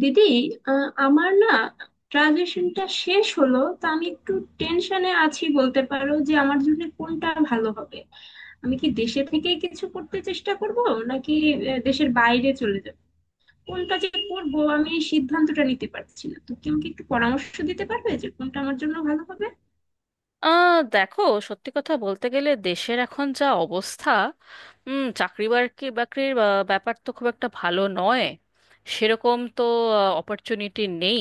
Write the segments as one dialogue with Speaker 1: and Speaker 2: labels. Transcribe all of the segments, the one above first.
Speaker 1: দিদি, আমার না গ্রাজুয়েশনটা শেষ হলো তো আমি একটু টেনশনে আছি, বলতে পারো। যে আমার জন্য কোনটা ভালো হবে, আমি কি দেশে থেকে কিছু করতে চেষ্টা করব, নাকি দেশের বাইরে চলে যাব, কোনটা যে করব আমি এই সিদ্ধান্তটা নিতে পারছি না। তো তুমি কি আমাকে একটু পরামর্শ দিতে পারবে যে কোনটা আমার জন্য ভালো হবে?
Speaker 2: দেখো, সত্যি কথা বলতে গেলে দেশের এখন যা অবস্থা, চাকরি বাকরির ব্যাপার তো খুব একটা ভালো নয়, সেরকম তো অপরচুনিটি নেই।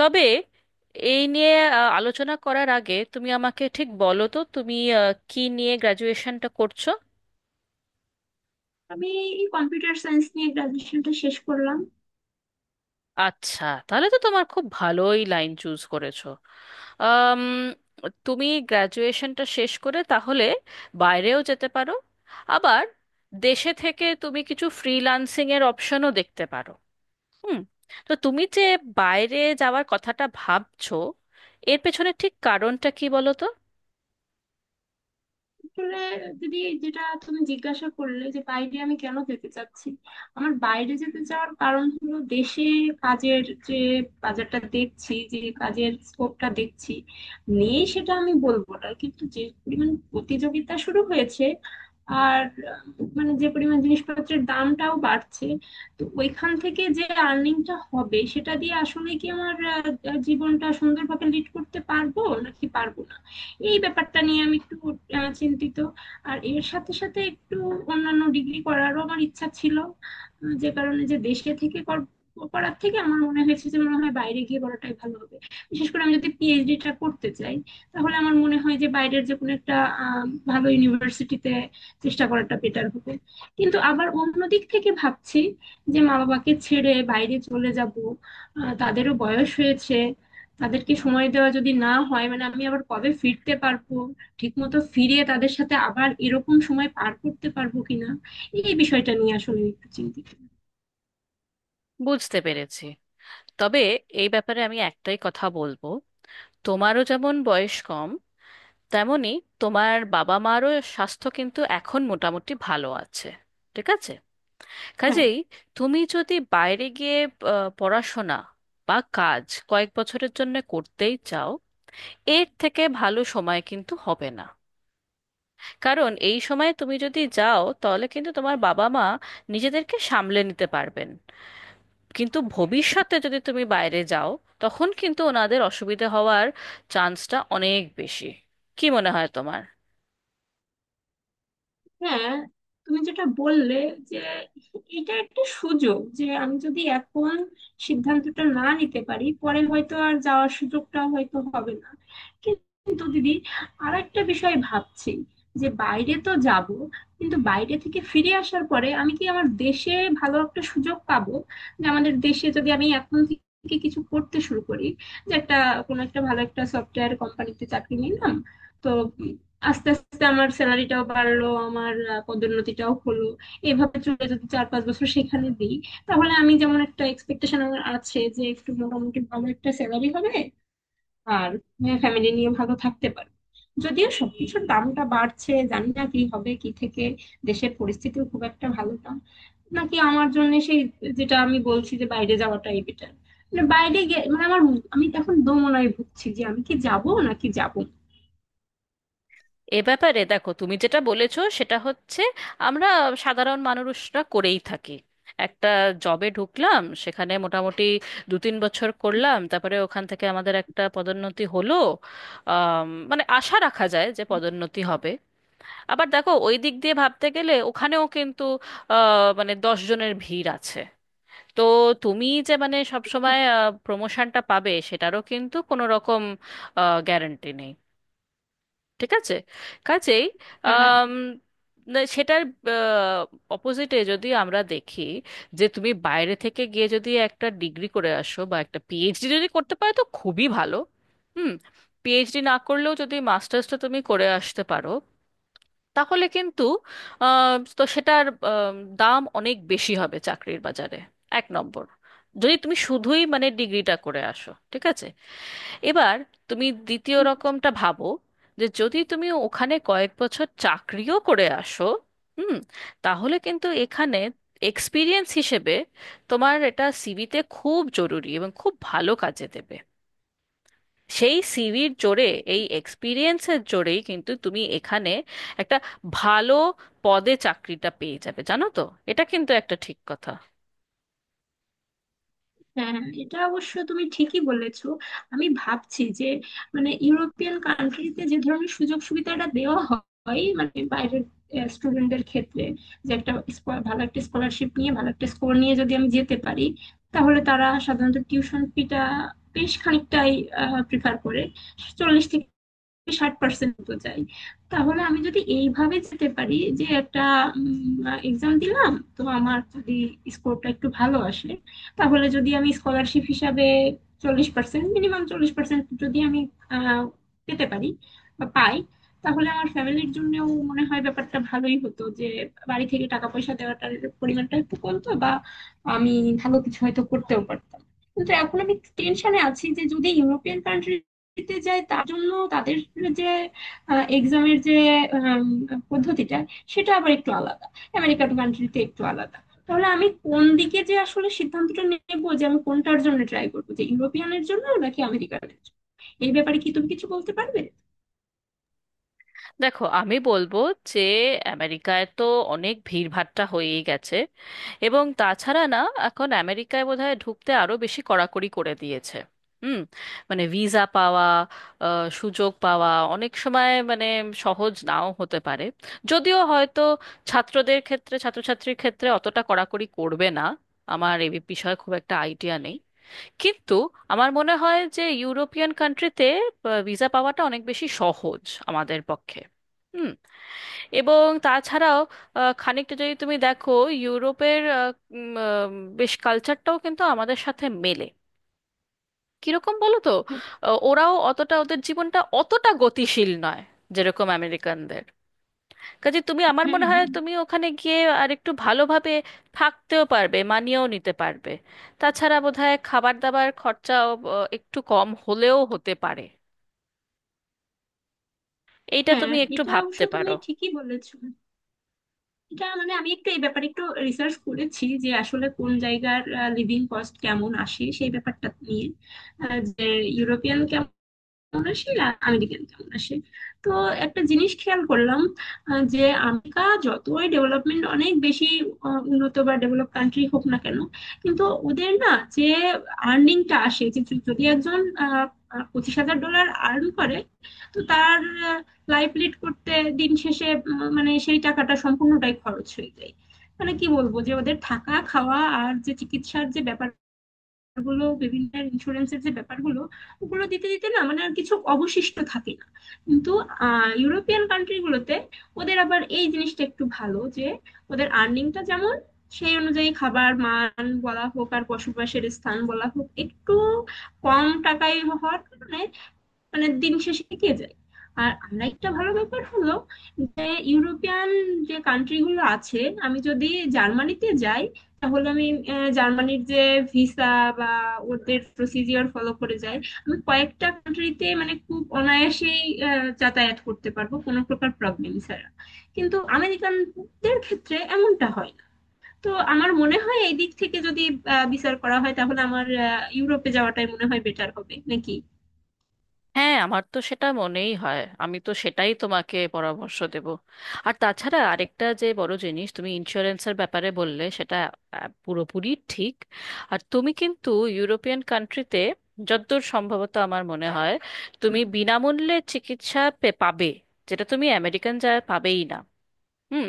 Speaker 2: তবে এই নিয়ে আলোচনা করার আগে তুমি আমাকে ঠিক বলো তো, তুমি কি নিয়ে গ্র্যাজুয়েশনটা করছো?
Speaker 1: আমি কম্পিউটার সায়েন্স নিয়ে গ্রাজুয়েশনটা শেষ করলাম।
Speaker 2: আচ্ছা, তাহলে তো তোমার খুব ভালোই লাইন চুজ করেছো। আম, তুমি গ্র্যাজুয়েশনটা শেষ করে তাহলে বাইরেও যেতে পারো, আবার দেশে থেকে তুমি কিছু ফ্রিল্যান্সিং এর অপশনও দেখতে পারো। হুম। তো তুমি যে বাইরে যাওয়ার কথাটা ভাবছো, এর পেছনে ঠিক কারণটা কি বলো তো?
Speaker 1: আসলে দিদি, যেটা তুমি জিজ্ঞাসা করলে যে বাইরে আমি কেন যেতে চাচ্ছি, আমার বাইরে যেতে চাওয়ার কারণ হলো দেশে কাজের যে বাজারটা দেখছি, যে কাজের স্কোপটা দেখছি নেই সেটা আমি বলবো না, কিন্তু যে পরিমাণ প্রতিযোগিতা শুরু হয়েছে, আর মানে যে পরিমাণ জিনিসপত্রের দামটাও বাড়ছে, তো ওইখান থেকে যে আর্নিংটা হবে সেটা দিয়ে আসলে কি আমার জীবনটা সুন্দরভাবে লিড করতে পারবো নাকি পারবো না, এই ব্যাপারটা নিয়ে আমি একটু চিন্তিত। আর এর সাথে সাথে একটু অন্যান্য ডিগ্রি করারও আমার ইচ্ছা ছিল, যে কারণে যে দেশে থেকে করার থেকে আমার মনে হয়েছে যে মনে হয় বাইরে গিয়ে করাটাই ভালো হবে। বিশেষ করে আমি যদি পিএইচডিটা করতে চাই, তাহলে আমার মনে হয় যে বাইরের যে কোনো একটা আহ, ভালো ইউনিভার্সিটিতে চেষ্টা করাটা বেটার হবে। কিন্তু আবার অন্য দিক থেকে ভাবছি যে মা বাবাকে ছেড়ে বাইরে চলে যাব, তাদেরও বয়স হয়েছে, তাদেরকে সময় দেওয়া যদি না হয়, মানে আমি আবার কবে ফিরতে পারবো, ঠিক মতো ফিরে তাদের সাথে আবার এরকম সময় পার করতে পারবো কিনা, এই বিষয়টা নিয়ে আসলে একটু চিন্তিত।
Speaker 2: বুঝতে পেরেছি। তবে এই ব্যাপারে আমি একটাই কথা বলবো, তোমারও যেমন বয়স কম, তেমনি তোমার বাবা মারও স্বাস্থ্য কিন্তু এখন মোটামুটি ভালো আছে, ঠিক আছে?
Speaker 1: হ্যাঁ।
Speaker 2: কাজেই তুমি যদি বাইরে গিয়ে পড়াশোনা বা কাজ কয়েক বছরের জন্য করতেই চাও, এর থেকে ভালো সময় কিন্তু হবে না। কারণ এই সময় তুমি যদি যাও, তাহলে কিন্তু তোমার বাবা মা নিজেদেরকে সামলে নিতে পারবেন। কিন্তু ভবিষ্যতে যদি তুমি বাইরে যাও, তখন কিন্তু ওনাদের অসুবিধে হওয়ার চান্সটা অনেক বেশি। কি মনে হয় তোমার?
Speaker 1: হ্যাঁ, তুমি যেটা বললে যে এটা একটা সুযোগ, যে আমি যদি এখন সিদ্ধান্তটা না নিতে পারি, পরে হয়তো আর যাওয়ার সুযোগটা হয়তো হবে না। কিন্তু দিদি, আর একটা বিষয় ভাবছি, যে বাইরে তো যাব, কিন্তু বাইরে থেকে ফিরে আসার পরে আমি কি আমার দেশে ভালো একটা সুযোগ পাবো? যে আমাদের দেশে যদি আমি এখন থেকে কিছু করতে শুরু করি, যে একটা কোনো একটা ভালো একটা সফটওয়্যার কোম্পানিতে চাকরি নিলাম, তো আস্তে আস্তে আমার স্যালারিটাও বাড়লো, আমার পদোন্নতিটাও হলো, এভাবে চলে যদি 4-5 বছর সেখানে দিই, তাহলে আমি যেমন একটা এক্সপেকটেশন আমার আছে যে একটু মোটামুটি ভালো একটা স্যালারি হবে, আর ফ্যামিলি নিয়ে ভালো থাকতে পারবো। যদিও সবকিছুর দামটা বাড়ছে, জানি না কি হবে কি থেকে, দেশের পরিস্থিতিও খুব একটা ভালো না, নাকি আমার জন্য সেই, যেটা আমি বলছি যে বাইরে যাওয়াটাই বেটার, মানে বাইরে গে মানে আমার, আমি তখন দোমনায় ভুগছি যে আমি কি যাব নাকি যাব।
Speaker 2: এ ব্যাপারে দেখো, তুমি যেটা বলেছো সেটা হচ্ছে আমরা সাধারণ মানুষরা করেই থাকি। একটা জবে ঢুকলাম, সেখানে মোটামুটি 2-3 বছর করলাম, তারপরে ওখান থেকে আমাদের একটা পদোন্নতি হলো। মানে আশা রাখা যায় যে পদোন্নতি হবে। আবার দেখো, ওই দিক দিয়ে ভাবতে গেলে ওখানেও কিন্তু মানে 10 জনের ভিড় আছে। তো তুমি যে মানে সবসময় প্রমোশনটা পাবে সেটারও কিন্তু কোনো রকম গ্যারান্টি নেই, ঠিক আছে? কাজেই
Speaker 1: হ্যাঁ।
Speaker 2: আম, না, সেটার অপোজিটে যদি আমরা দেখি, যে তুমি বাইরে থেকে গিয়ে যদি একটা ডিগ্রি করে আসো বা একটা পিএইচডি যদি করতে পারো, তো খুবই ভালো। হুম। পিএইচডি না করলেও যদি মাস্টার্সটা তুমি করে আসতে পারো, তাহলে কিন্তু আম, তো সেটার আম, দাম অনেক বেশি হবে চাকরির বাজারে। 1 নম্বর, যদি তুমি শুধুই মানে ডিগ্রিটা করে আসো, ঠিক আছে। এবার তুমি দ্বিতীয় রকমটা ভাবো, যে যদি তুমি ওখানে কয়েক বছর চাকরিও করে আসো। হুম। তাহলে কিন্তু এখানে এক্সপিরিয়েন্স হিসেবে তোমার এটা সিভিতে খুব জরুরি এবং খুব ভালো কাজে দেবে। সেই সিভির জোরে, এই এক্সপিরিয়েন্সের জোরেই কিন্তু তুমি এখানে একটা ভালো পদে চাকরিটা পেয়ে যাবে, জানো তো? এটা কিন্তু একটা ঠিক কথা।
Speaker 1: হ্যাঁ। হ্যাঁ, এটা অবশ্য তুমি ঠিকই বলেছো। আমি ভাবছি যে মানে ইউরোপিয়ান কান্ট্রিতে যে ধরনের সুযোগ সুবিধাটা দেওয়া হয় মানে বাইরের স্টুডেন্টদের ক্ষেত্রে, যে একটা ভালো একটা স্কলারশিপ নিয়ে ভালো একটা স্কোর নিয়ে যদি আমি যেতে পারি, তাহলে তারা সাধারণত টিউশন ফিটা বেশ খানিকটাই প্রিফার করে, 40 থেকে 60% মতো চাই। তাহলে আমি যদি এইভাবে যেতে পারি, যে একটা এক্সাম দিলাম, তো আমার যদি স্কোরটা একটু ভালো আসে, তাহলে যদি আমি স্কলারশিপ হিসাবে 40%, মিনিমাম 40% যদি আমি আহ, পেতে পারি বা পাই, তাহলে আমার ফ্যামিলির জন্যও মনে হয় ব্যাপারটা ভালোই হতো, যে বাড়ি থেকে টাকা পয়সা দেওয়াটার পরিমাণটা একটু কমতো, বা আমি ভালো কিছু হয়তো করতেও পারতাম। কিন্তু এখন আমি টেনশনে আছি, যে যদি ইউরোপিয়ান কান্ট্রি দিতে যায়, তার জন্য তাদের যে এক্সামের যে আম, পদ্ধতিটা, সেটা আবার একটু আলাদা, আমেরিকান কান্ট্রিতে একটু আলাদা। তাহলে আমি কোন দিকে যে আসলে সিদ্ধান্তটা নেব, যে আমি কোনটার জন্য ট্রাই করবো, যে ইউরোপিয়ানের জন্য নাকি আমেরিকানের জন্য, এই ব্যাপারে কি তুমি কিছু বলতে পারবে?
Speaker 2: দেখো, আমি বলবো যে আমেরিকায় তো অনেক ভিড়ভাট্টা হয়েই গেছে। এবং তাছাড়া না, এখন আমেরিকায় বোধহয় ঢুকতে আরো বেশি কড়াকড়ি করে দিয়েছে। হুম। মানে ভিসা পাওয়া, সুযোগ পাওয়া অনেক সময় মানে সহজ নাও হতে পারে। যদিও হয়তো ছাত্রদের ক্ষেত্রে, ছাত্রছাত্রীর ক্ষেত্রে অতটা কড়াকড়ি করবে না, আমার এ বিষয়ে খুব একটা আইডিয়া নেই। কিন্তু আমার মনে হয় যে ইউরোপিয়ান কান্ট্রিতে ভিসা পাওয়াটা অনেক বেশি সহজ আমাদের পক্ষে। হুম। এবং তাছাড়াও খানিকটা যদি তুমি দেখো, ইউরোপের উম, আহ, বেশ কালচারটাও কিন্তু আমাদের সাথে মেলে। কিরকম বলো তো,
Speaker 1: হ্যাঁ।
Speaker 2: ওরাও অতটা, ওদের জীবনটা অতটা গতিশীল নয় যেরকম আমেরিকানদের। কাজে তুমি, আমার
Speaker 1: হ্যাঁ।
Speaker 2: মনে হয়
Speaker 1: হ্যাঁ।
Speaker 2: তুমি ওখানে গিয়ে আর একটু ভালোভাবে থাকতেও পারবে, মানিয়েও নিতে পারবে। তাছাড়া বোধহয় খাবার দাবার খরচাও একটু কম হলেও হতে পারে। এইটা
Speaker 1: হ্যাঁ,
Speaker 2: তুমি একটু
Speaker 1: এটা অবশ্য
Speaker 2: ভাবতে
Speaker 1: তুমি
Speaker 2: পারো।
Speaker 1: ঠিকই বলেছো। এটা মানে আমি একটু এই ব্যাপারে একটু রিসার্চ করেছি, যে আসলে কোন জায়গার লিভিং কস্ট কেমন আসে সেই ব্যাপারটা নিয়ে, যে ইউরোপিয়ান 84 আর আমেরিকান 84, তো একটা জিনিস খেয়াল করলাম, যে আমেরিকা যতই ডেভেলপমেন্ট অনেক বেশি উন্নত বা ডেভেলপ কান্ট্রি হোক না কেন, কিন্তু ওদের না যে আর্নিংটা আসে, যে যে- যদি একজন আহ, আহ, $25,000 আর্ন করে, তো তার লাইফ লিড করতে দিন শেষে মানে সেই টাকাটা সম্পূর্ণটাই খরচ হয়ে যায়। মানে কি বলবো, যে ওদের থাকা খাওয়া আর যে চিকিৎসার যে ব্যাপার, ব্যাপারগুলো বিভিন্ন ইন্স্যুরেন্সের যে ব্যাপারগুলো, ওগুলো দিতে দিতে না মানে আর কিছু অবশিষ্ট থাকে না। কিন্তু ইউরোপিয়ান কান্ট্রিগুলোতে ওদের আবার এই জিনিসটা একটু ভালো, যে ওদের আর্নিংটা যেমন সেই অনুযায়ী খাবার মান বলা হোক আর বসবাসের স্থান বলা হোক একটু কম টাকায় হওয়ার কারণে মানে দিন শেষে টিকে যায়। আর আমরা একটা ভালো ব্যাপার হলো, যে ইউরোপিয়ান যে কান্ট্রি গুলো আছে, আমি যদি জার্মানিতে যাই, তাহলে আমি জার্মানির যে ভিসা বা ওদের প্রসিজিওর ফলো করে যাই, আমি কয়েকটা কান্ট্রিতে মানে খুব অনায়াসেই যাতায়াত করতে পারবো কোনো প্রকার প্রবলেম ছাড়া। কিন্তু আমেরিকানদের ক্ষেত্রে এমনটা হয় না। তো আমার মনে হয় এই দিক থেকে যদি বিচার করা হয়, তাহলে আমার ইউরোপে যাওয়াটাই মনে হয় বেটার হবে নাকি?
Speaker 2: হ্যাঁ, আমার তো সেটা মনেই হয়, আমি তো সেটাই তোমাকে পরামর্শ দেব। আর তাছাড়া আরেকটা যে বড় জিনিস তুমি ইন্স্যুরেন্সের ব্যাপারে বললে, সেটা পুরোপুরি ঠিক। আর তুমি কিন্তু ইউরোপিয়ান কান্ট্রিতে, যতদূর সম্ভবত আমার মনে হয়, তুমি বিনামূল্যে চিকিৎসা পাবে, যেটা তুমি আমেরিকান যায় পাবেই না। হুম।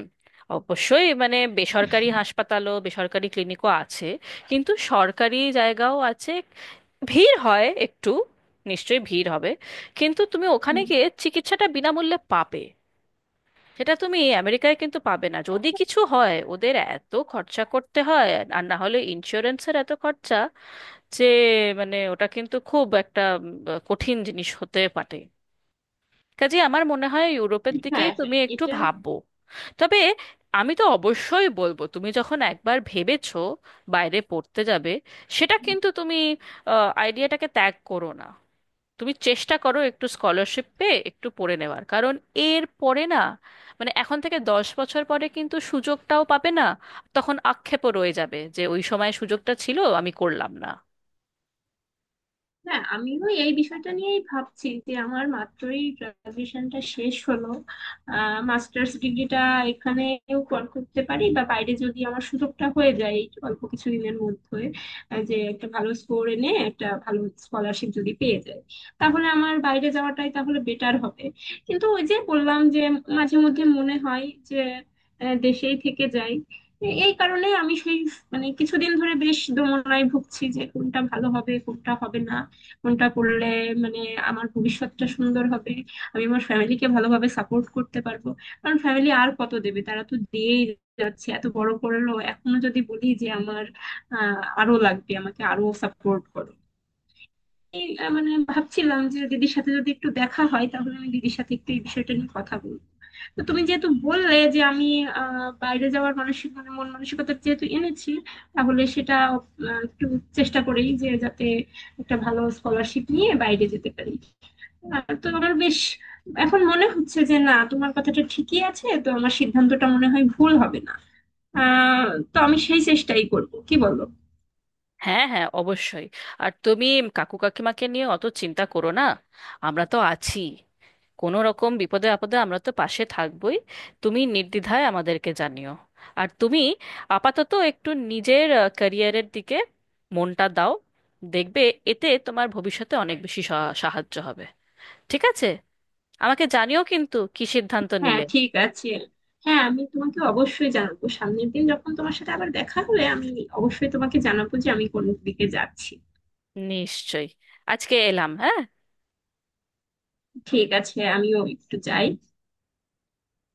Speaker 2: অবশ্যই মানে বেসরকারি হাসপাতালও, বেসরকারি ক্লিনিকও আছে, কিন্তু সরকারি জায়গাও আছে। ভিড় হয় একটু, নিশ্চয়ই ভিড় হবে, কিন্তু তুমি ওখানে
Speaker 1: হুম।
Speaker 2: গিয়ে চিকিৎসাটা বিনামূল্যে পাবে। সেটা তুমি আমেরিকায় কিন্তু পাবে না, যদি কিছু হয় ওদের এত খরচা করতে হয়, আর না হলে ইন্স্যুরেন্সের এত খরচা, যে মানে ওটা কিন্তু খুব একটা কঠিন জিনিস হতে পারে। কাজে আমার মনে হয় ইউরোপের দিকেই
Speaker 1: হ্যাঁ, হ্যাঁ,
Speaker 2: তুমি একটু
Speaker 1: এটা।
Speaker 2: ভাববো। তবে আমি তো অবশ্যই বলবো, তুমি যখন একবার ভেবেছো বাইরে পড়তে যাবে, সেটা কিন্তু তুমি আইডিয়াটাকে ত্যাগ করো না। তুমি চেষ্টা করো একটু স্কলারশিপ পেয়ে একটু পড়ে নেওয়ার, কারণ এর পরে না, মানে এখন থেকে 10 বছর পরে কিন্তু সুযোগটাও পাবে না। তখন আক্ষেপও রয়ে যাবে যে ওই সময় সুযোগটা ছিল, আমি করলাম না।
Speaker 1: হ্যাঁ, আমিও এই বিষয়টা নিয়েই ভাবছি, যে আমার মাত্রই গ্রাজুয়েশনটা শেষ হলো, মাস্টার্স ডিগ্রিটা এখানেও করতে পারি, বা বাইরে যদি আমার সুযোগটা হয়ে যায় এই অল্প কিছুদিনের মধ্যে, যে একটা ভালো স্কোর এনে একটা ভালো স্কলারশিপ যদি পেয়ে যায়, তাহলে আমার বাইরে যাওয়াটাই তাহলে বেটার হবে। কিন্তু ওই যে বললাম, যে মাঝে মধ্যে মনে হয় যে দেশেই থেকে যাই, এই কারণে আমি সেই মানে কিছুদিন ধরে বেশ দোমনায় ভুগছি, যে কোনটা ভালো হবে কোনটা হবে না, কোনটা করলে মানে আমার ভবিষ্যৎটা সুন্দর হবে, আমি আমার ফ্যামিলিকে ভালোভাবে সাপোর্ট করতে পারবো। কারণ ফ্যামিলি আর কত দেবে, তারা তো দিয়েই যাচ্ছে, এত বড় করলো, এখনো যদি বলি যে আমার আরো লাগবে, আমাকে আরো সাপোর্ট করো, এই মানে ভাবছিলাম যে দিদির সাথে যদি একটু দেখা হয় তাহলে আমি দিদির সাথে একটু এই বিষয়টা নিয়ে কথা বলবো। তো তুমি যেহেতু বললে যে আমি বাইরে যাওয়ার মানসিক মানে মন মানসিকতা যেহেতু এনেছি, তাহলে সেটা একটু চেষ্টা করি যে যাতে একটা ভালো স্কলারশিপ নিয়ে বাইরে যেতে পারি। তো আমার বেশ এখন মনে হচ্ছে যে না, তোমার কথাটা ঠিকই আছে, তো আমার সিদ্ধান্তটা মনে হয় ভুল হবে না। আহ তো আমি সেই চেষ্টাই করব, কি বলো?
Speaker 2: হ্যাঁ, হ্যাঁ, অবশ্যই। আর তুমি কাকু কাকিমাকে নিয়ে অত চিন্তা করো না, আমরা তো আছি। কোনো রকম বিপদে আপদে আমরা তো পাশে থাকবোই, তুমি নির্দ্বিধায় আমাদেরকে জানিও। আর তুমি আপাতত একটু নিজের ক্যারিয়ারের দিকে মনটা দাও, দেখবে এতে তোমার ভবিষ্যতে অনেক বেশি সাহায্য হবে, ঠিক আছে? আমাকে জানিও কিন্তু কি সিদ্ধান্ত
Speaker 1: হ্যাঁ,
Speaker 2: নিলে।
Speaker 1: ঠিক আছে। হ্যাঁ, আমি তোমাকে অবশ্যই জানাবো, সামনের দিন যখন তোমার সাথে আবার দেখা হবে আমি অবশ্যই তোমাকে জানাবো যে আমি কোন দিকে যাচ্ছি।
Speaker 2: নিশ্চয়ই আজকে এলাম, হ্যাঁ।
Speaker 1: ঠিক আছে, আমিও একটু যাই।